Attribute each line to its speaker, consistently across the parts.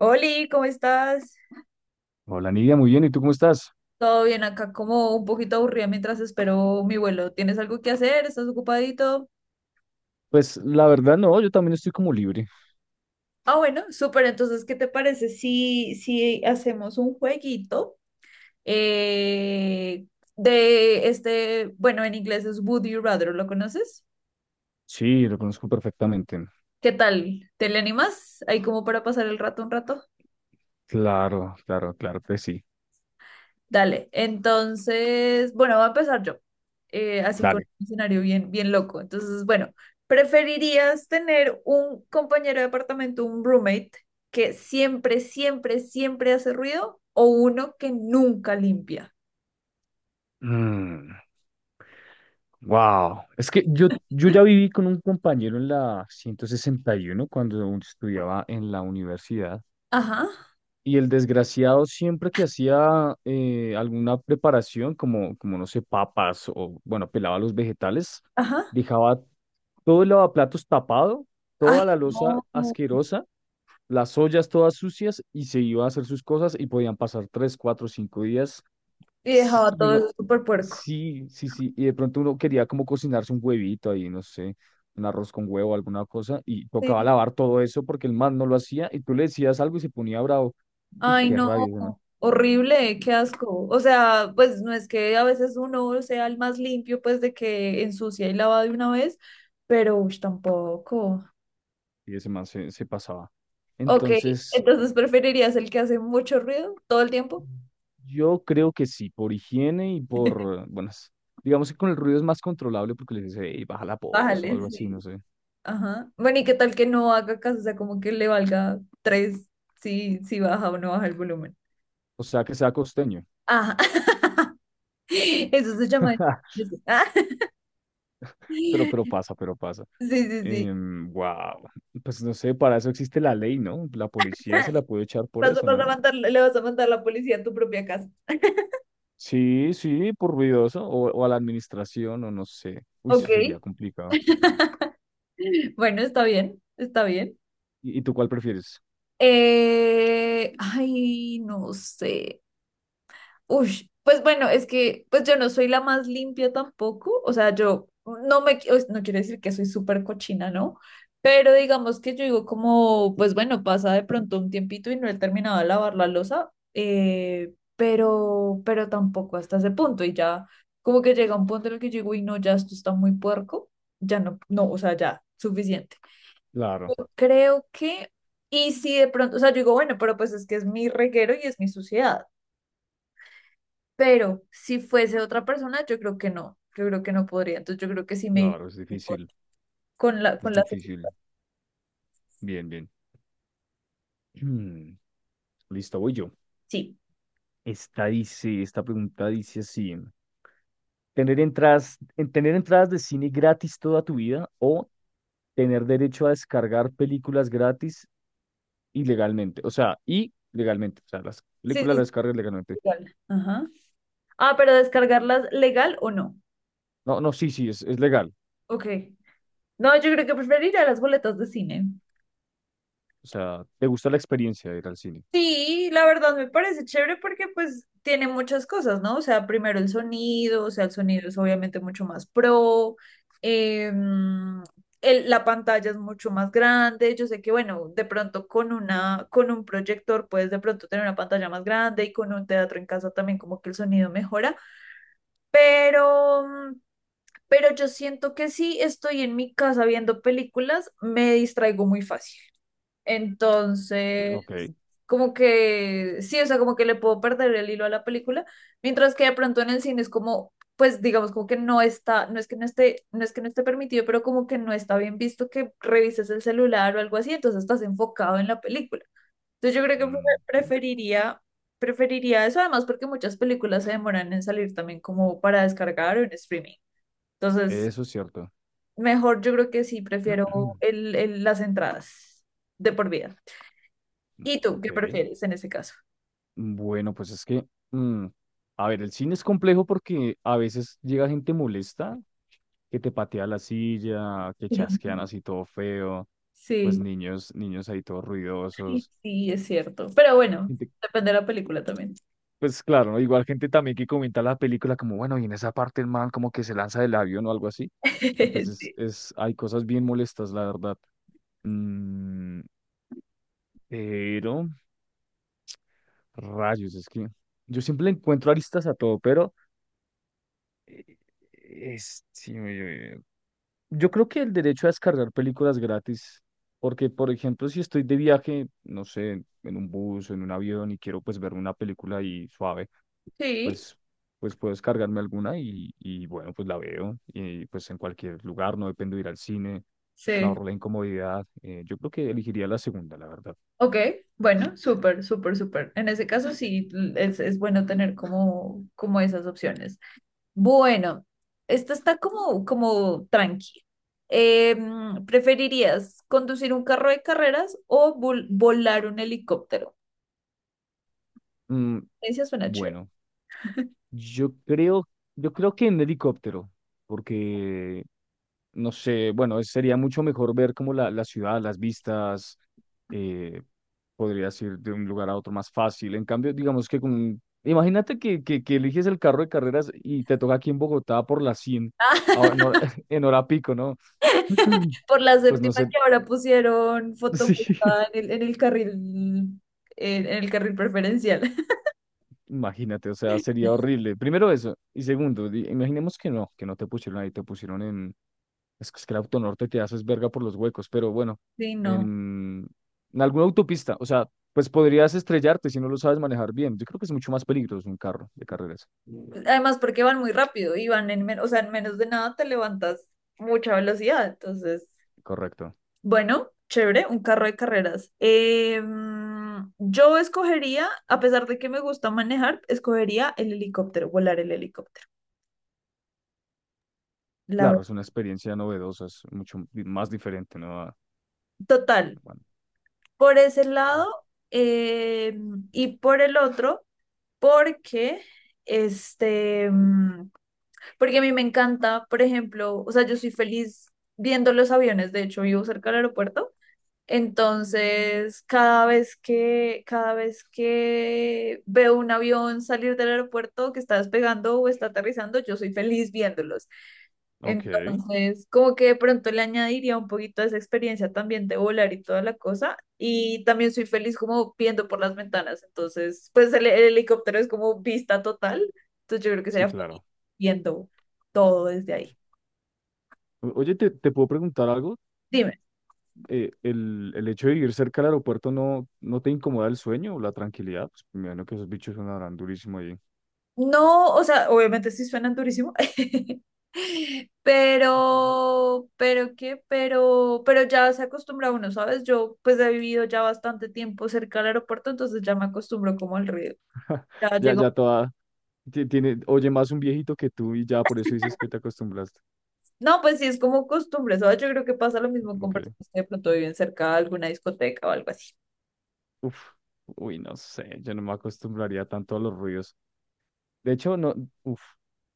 Speaker 1: Oli, ¿cómo estás?
Speaker 2: Hola Nidia, muy bien. ¿Y tú cómo estás?
Speaker 1: Todo bien acá, como un poquito aburrida mientras espero mi vuelo. ¿Tienes algo que hacer? ¿Estás ocupadito?
Speaker 2: Pues la verdad no, yo también estoy como libre.
Speaker 1: Ah, bueno, súper. Entonces, ¿qué te parece si hacemos un jueguito eh, de este, bueno, en inglés es Would You Rather? ¿Lo conoces?
Speaker 2: Sí, lo conozco perfectamente.
Speaker 1: ¿Qué tal? ¿Te le animas? Ahí como para pasar el rato un rato.
Speaker 2: Claro, claro, claro que sí.
Speaker 1: Dale, entonces, bueno, voy a empezar yo, así con
Speaker 2: Dale.
Speaker 1: un escenario bien, bien loco. Entonces, bueno, ¿preferirías tener un compañero de apartamento, un roommate, que siempre, siempre, siempre hace ruido o uno que nunca limpia?
Speaker 2: Wow. Es que yo ya viví con un compañero en la 161 cuando aún estudiaba en la universidad.
Speaker 1: Ajá,
Speaker 2: Y el desgraciado siempre que hacía alguna preparación, como no sé, papas o, bueno, pelaba los vegetales,
Speaker 1: ajá.
Speaker 2: dejaba todo el lavaplatos tapado,
Speaker 1: Ay,
Speaker 2: toda la loza
Speaker 1: no,
Speaker 2: asquerosa, las ollas todas sucias y se iba a hacer sus cosas y podían pasar 3, 4, 5 días.
Speaker 1: y
Speaker 2: Sí,
Speaker 1: dejaba
Speaker 2: y
Speaker 1: todo
Speaker 2: uno,
Speaker 1: eso súper puerco.
Speaker 2: sí, sí, sí. Y de pronto uno quería como cocinarse un huevito ahí, no sé, un arroz con huevo, alguna cosa, y tocaba lavar todo eso porque el man no lo hacía y tú le decías algo y se ponía bravo. Uy,
Speaker 1: Ay,
Speaker 2: qué
Speaker 1: no,
Speaker 2: rabia ese man.
Speaker 1: horrible, qué asco. O sea, pues no es que a veces uno sea el más limpio, pues de que ensucia y lava de una vez, pero ush, tampoco.
Speaker 2: Y ese man se pasaba.
Speaker 1: Ok,
Speaker 2: Entonces,
Speaker 1: entonces preferirías el que hace mucho ruido todo el tiempo.
Speaker 2: yo creo que sí, por higiene y por, bueno, digamos que con el ruido es más controlable porque le dice, hey, baja la voz o
Speaker 1: Bájale,
Speaker 2: algo así, no
Speaker 1: sí.
Speaker 2: sé.
Speaker 1: Ajá. Bueno, ¿y qué tal que no haga caso? O sea, como que le valga tres si baja o no baja el volumen.
Speaker 2: O sea, que sea costeño.
Speaker 1: Ajá. Eso se llama. Ah, sí,
Speaker 2: Pero pasa, pero pasa.
Speaker 1: sí, sí.
Speaker 2: Wow. Pues no sé, para eso existe la ley, ¿no? La policía se la puede echar por
Speaker 1: Vas a,
Speaker 2: eso,
Speaker 1: vas a
Speaker 2: ¿no?
Speaker 1: mandar, le vas a mandar la policía a tu propia casa.
Speaker 2: Sí, sí, por ruidoso, o a la administración, o no sé. Uy,
Speaker 1: Ok,
Speaker 2: eso sería complicado.
Speaker 1: bueno, está bien, está bien.
Speaker 2: ¿Y tú cuál prefieres?
Speaker 1: Ay, no sé. Uy, pues bueno, es que pues yo no soy la más limpia tampoco, o sea, yo no me, qui- no quiero decir que soy súper cochina, ¿no? Pero digamos que yo digo como, pues bueno, pasa de pronto un tiempito y no he terminado de lavar la losa, pero tampoco hasta ese punto y ya como que llega un punto en el que yo digo, uy, no, ya esto está muy puerco, ya no, no, o sea, ya, suficiente. Yo
Speaker 2: Claro,
Speaker 1: creo que, y si de pronto, o sea, yo digo, bueno, pero pues es que es mi reguero y es mi suciedad. Pero si fuese otra persona, yo creo que no. Yo creo que no podría. Entonces yo creo que sí me iría
Speaker 2: claro, es
Speaker 1: con
Speaker 2: difícil,
Speaker 1: la,
Speaker 2: es
Speaker 1: con la.
Speaker 2: difícil. Bien, bien. Hmm. Listo, voy yo.
Speaker 1: Sí.
Speaker 2: Esta dice, esta pregunta dice así. ¿Tener entradas, tener entradas de cine gratis toda tu vida o tener derecho a descargar películas gratis ilegalmente, o sea, y legalmente, o sea, las
Speaker 1: Sí,
Speaker 2: películas
Speaker 1: sí,
Speaker 2: las
Speaker 1: sí,
Speaker 2: descargas legalmente.
Speaker 1: legal. Ajá. Ah, pero descargarlas legal o no.
Speaker 2: No, no, sí, sí, es legal.
Speaker 1: Ok. No, yo creo que preferiría las boletas de cine.
Speaker 2: O sea, te gusta la experiencia de ir al cine.
Speaker 1: Sí, la verdad me parece chévere porque pues tiene muchas cosas, ¿no? O sea, primero el sonido, o sea, el sonido es obviamente mucho más pro, em, el- la pantalla es mucho más grande, yo sé que bueno, de pronto con una, con un proyector puedes de pronto tener una pantalla más grande y con un teatro en casa también como que el sonido mejora, pero, pero yo siento que si estoy en mi casa viendo películas, me distraigo muy fácil. Entonces,
Speaker 2: Ok.
Speaker 1: como que, sí, o sea, como que le puedo perder el hilo a la película, mientras que de pronto en el cine es como, pues digamos, como que no está, no es que no esté, no es que no esté permitido, pero como que no está bien visto que revises el celular o algo así, entonces estás enfocado en la película. Entonces yo creo que pre-
Speaker 2: Ok.
Speaker 1: preferiría, preferiría eso, además porque muchas películas se demoran en salir también como para descargar o en streaming. Entonces,
Speaker 2: Eso es cierto.
Speaker 1: mejor yo creo que sí, prefiero el- las entradas de por vida. ¿Y tú qué
Speaker 2: Ok.
Speaker 1: prefieres en ese caso?
Speaker 2: Bueno, pues es que, a ver, el cine es complejo porque a veces llega gente molesta que te patea la silla, que chasquean así todo feo, pues
Speaker 1: Sí,
Speaker 2: niños, niños ahí todos
Speaker 1: sí,
Speaker 2: ruidosos.
Speaker 1: sí, es cierto. Pero bueno, depende de la película también.
Speaker 2: Pues claro, ¿no? Igual gente también que comenta la película como, bueno, y en esa parte el man como que se lanza del avión o algo así. Entonces,
Speaker 1: Sí,
Speaker 2: es, hay cosas bien molestas, la verdad. Mm, pero, rayos, es que yo siempre le encuentro aristas a todo, pero eh, es, sí, yo creo que el derecho a descargar películas gratis, porque, por ejemplo, si estoy de viaje, no sé, en un bus o en un avión y quiero pues ver una película ahí suave,
Speaker 1: sí,
Speaker 2: pues, pues puedo descargarme alguna y bueno, pues la veo y pues en cualquier lugar, no dependo de ir al cine, me
Speaker 1: sí.
Speaker 2: ahorro la incomodidad. Yo creo que elegiría la segunda, la verdad.
Speaker 1: Ok, bueno, súper, súper, súper. En ese caso sí, es bueno tener como, como esas opciones. Bueno, esta está como, como tranqui. Em, ¿preferirías conducir un carro de carreras o vol- volar un helicóptero?
Speaker 2: Mm,
Speaker 1: Esa suena chévere.
Speaker 2: bueno, yo creo, yo creo que en helicóptero, porque no sé, bueno, sería mucho mejor ver como la ciudad, las vistas, eh, podrías ir de un lugar a otro más fácil. En cambio, digamos que con, imagínate que, que eliges el carro de carreras y te toca aquí en Bogotá por las 100 ahora en hora, en hora pico, ¿no?
Speaker 1: Por la
Speaker 2: Pues no
Speaker 1: séptima
Speaker 2: sé,
Speaker 1: que ahora pusieron foto
Speaker 2: sí,
Speaker 1: en el, en el carril, en el carril preferencial.
Speaker 2: imagínate, o sea, sería horrible. Primero eso, y segundo, imaginemos que no te pusieron ahí, te pusieron en... es que el autonorte te haces verga por los huecos, pero bueno,
Speaker 1: Sí, no.
Speaker 2: en, en alguna autopista, o sea, pues podrías estrellarte si no lo sabes manejar bien. Yo creo que es mucho más peligroso un carro de carreras.
Speaker 1: Además, porque van muy rápido y van en, men- o sea, en menos de nada te levantas mucha velocidad. Entonces,
Speaker 2: Correcto.
Speaker 1: bueno, chévere, un carro de carreras. Yo escogería, a pesar de que me gusta manejar, escogería el helicóptero, volar el helicóptero. La
Speaker 2: Claro,
Speaker 1: verdad.
Speaker 2: es una experiencia novedosa, es mucho más diferente, ¿no? A...
Speaker 1: Total,
Speaker 2: Bueno,
Speaker 1: por ese
Speaker 2: eh,
Speaker 1: lado eh, y por el otro. Porque, este, porque a mí me encanta, por ejemplo, o sea, yo soy feliz viendo los aviones, de hecho vivo cerca del aeropuerto, entonces cada vez que veo un avión salir del aeropuerto que está despegando o está aterrizando, yo soy feliz viéndolos.
Speaker 2: ok,
Speaker 1: Entonces, como que de pronto le añadiría un poquito de esa experiencia también de volar y toda la cosa. Y también soy feliz como viendo por las ventanas. Entonces, pues el helicóptero es como vista total. Entonces yo creo que
Speaker 2: sí,
Speaker 1: sería feliz
Speaker 2: claro.
Speaker 1: viendo todo desde ahí.
Speaker 2: O- Oye, ¿te puedo preguntar algo?
Speaker 1: Dime.
Speaker 2: El hecho de vivir cerca del aeropuerto no, ¿no te incomoda el sueño o la tranquilidad? Pues, me imagino que esos bichos sonarán durísimo ahí.
Speaker 1: No, o sea, obviamente sí suenan durísimo. Pero qué, pero ya se acostumbra uno, ¿sabes? Yo pues he vivido ya bastante tiempo cerca del aeropuerto, entonces ya me acostumbro como al ruido. Ya
Speaker 2: Ya,
Speaker 1: llega.
Speaker 2: ya toda, Ti- tiene, oye más un viejito que tú y ya por eso dices que te acostumbraste.
Speaker 1: No, pues sí, es como costumbre, ¿sabes? Yo creo que pasa lo mismo con
Speaker 2: Ok.
Speaker 1: personas que de pronto viven cerca de alguna discoteca o algo así.
Speaker 2: Uf, uy, no sé, yo no me acostumbraría tanto a los ruidos. De hecho, no, uf,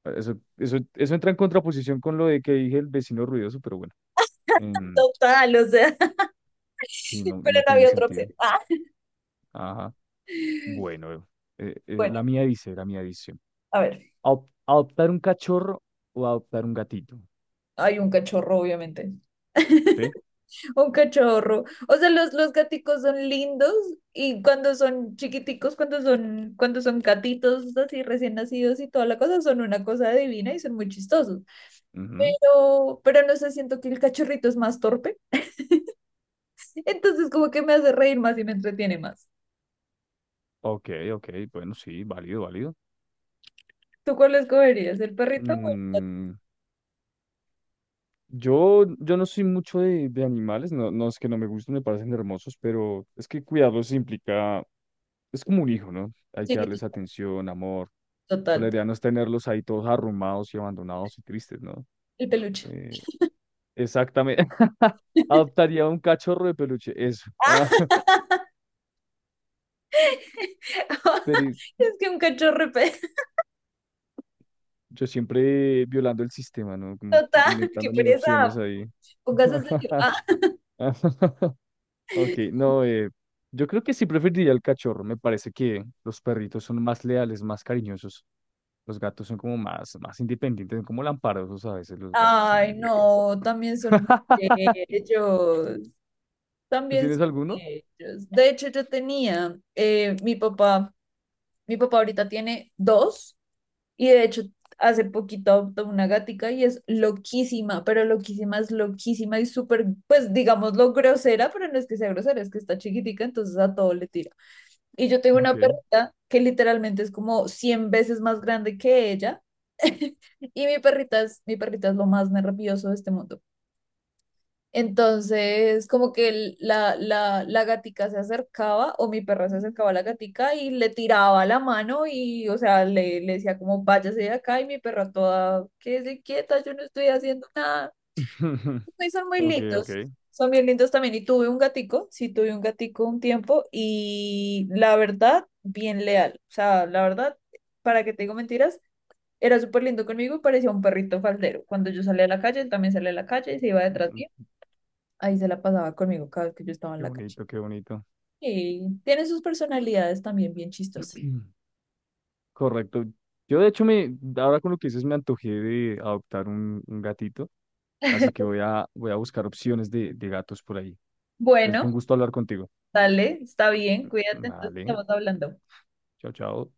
Speaker 2: eso entra en contraposición con lo de que dije el vecino ruidoso, pero bueno, Mm. em,
Speaker 1: Total, o sea,
Speaker 2: sí, no,
Speaker 1: pero
Speaker 2: no
Speaker 1: no
Speaker 2: tiene
Speaker 1: había otra opción.
Speaker 2: sentido.
Speaker 1: Ah.
Speaker 2: Ajá, bueno,
Speaker 1: Bueno,
Speaker 2: la mía dice, la mía dice:
Speaker 1: a ver,
Speaker 2: Adoptar un cachorro o adoptar un gatito,
Speaker 1: hay un cachorro, obviamente.
Speaker 2: ¿sí?"
Speaker 1: Un cachorro. O sea, los gaticos son lindos y cuando son chiquiticos, cuando son gatitos así recién nacidos y toda la cosa, son una cosa divina y son muy chistosos.
Speaker 2: Ujú.
Speaker 1: Pero no sé, siento que el cachorrito es más torpe. Entonces como que me hace reír más y me entretiene más.
Speaker 2: Ok, ok, bueno, sí, válido, válido.
Speaker 1: ¿Tú cuál escogerías? ¿El perrito o el gato?
Speaker 2: Mm, yo no soy mucho de animales, no, no es que no me gusten, me parecen hermosos, pero es que cuidarlos implica, es como un hijo, ¿no? Hay que darles
Speaker 1: Chiquitito.
Speaker 2: atención, amor. Pues
Speaker 1: Total.
Speaker 2: la idea no es tenerlos ahí todos arrumados y abandonados y tristes, ¿no?
Speaker 1: El peluche.
Speaker 2: Eh, exactamente. Adoptaría un cachorro de peluche, eso. Ah, pero
Speaker 1: Es que un cachorro, pe-
Speaker 2: yo siempre violando el sistema, ¿no? Como
Speaker 1: total, qué
Speaker 2: inventándome
Speaker 1: pereza.
Speaker 2: opciones ahí.
Speaker 1: Póngase a elegir. Ah,
Speaker 2: Ok, no, yo creo que sí preferiría el cachorro. Me parece que los perritos son más leales, más cariñosos. Los gatos son como más, más independientes, son como lamparosos a veces los gatos. No me
Speaker 1: ay,
Speaker 2: gustan.
Speaker 1: no, también son ellos.
Speaker 2: ¿Tú
Speaker 1: También
Speaker 2: tienes
Speaker 1: son
Speaker 2: alguno?
Speaker 1: ellos. De hecho, yo tenía, mi papá ahorita tiene dos. Y de hecho, hace poquito adoptó una gatica y es loquísima, pero loquísima es loquísima y súper, pues digámoslo, grosera, pero no es que sea grosera, es que está chiquitica, entonces a todo le tira. Y yo tengo
Speaker 2: Ok.
Speaker 1: una perrita que literalmente es como 100 veces más grande que ella. Y mi perrita es lo más nervioso de este mundo. Entonces, como que el- la gatica se acercaba o mi perra se acercaba a la gatica y le tiraba la mano y, o sea, le decía como, váyase de acá y mi perra toda, quédese quieta, yo no estoy haciendo nada. Y son muy
Speaker 2: Ok, ok.
Speaker 1: lindos, son bien lindos también. Y tuve un gatico, sí, tuve un gatico un tiempo y la verdad, bien leal. O sea, la verdad, para que te digo mentiras, era súper lindo conmigo y parecía un perrito faldero. Cuando yo salía a la calle, él también salía a la calle y se iba
Speaker 2: Mm,
Speaker 1: detrás mío
Speaker 2: mm,
Speaker 1: ahí se la pasaba conmigo cada vez que yo estaba en
Speaker 2: qué
Speaker 1: la calle.
Speaker 2: bonito, qué bonito.
Speaker 1: Y tiene sus personalidades también bien chistosas.
Speaker 2: Correcto. Yo de hecho me, ahora con lo que dices me antojé de adoptar un gatito, así que voy a, voy a buscar opciones de gatos por ahí. Entonces fue
Speaker 1: Bueno,
Speaker 2: un gusto hablar contigo.
Speaker 1: dale, está bien, cuídate, entonces
Speaker 2: Vale.
Speaker 1: estamos hablando.
Speaker 2: Chao, chao.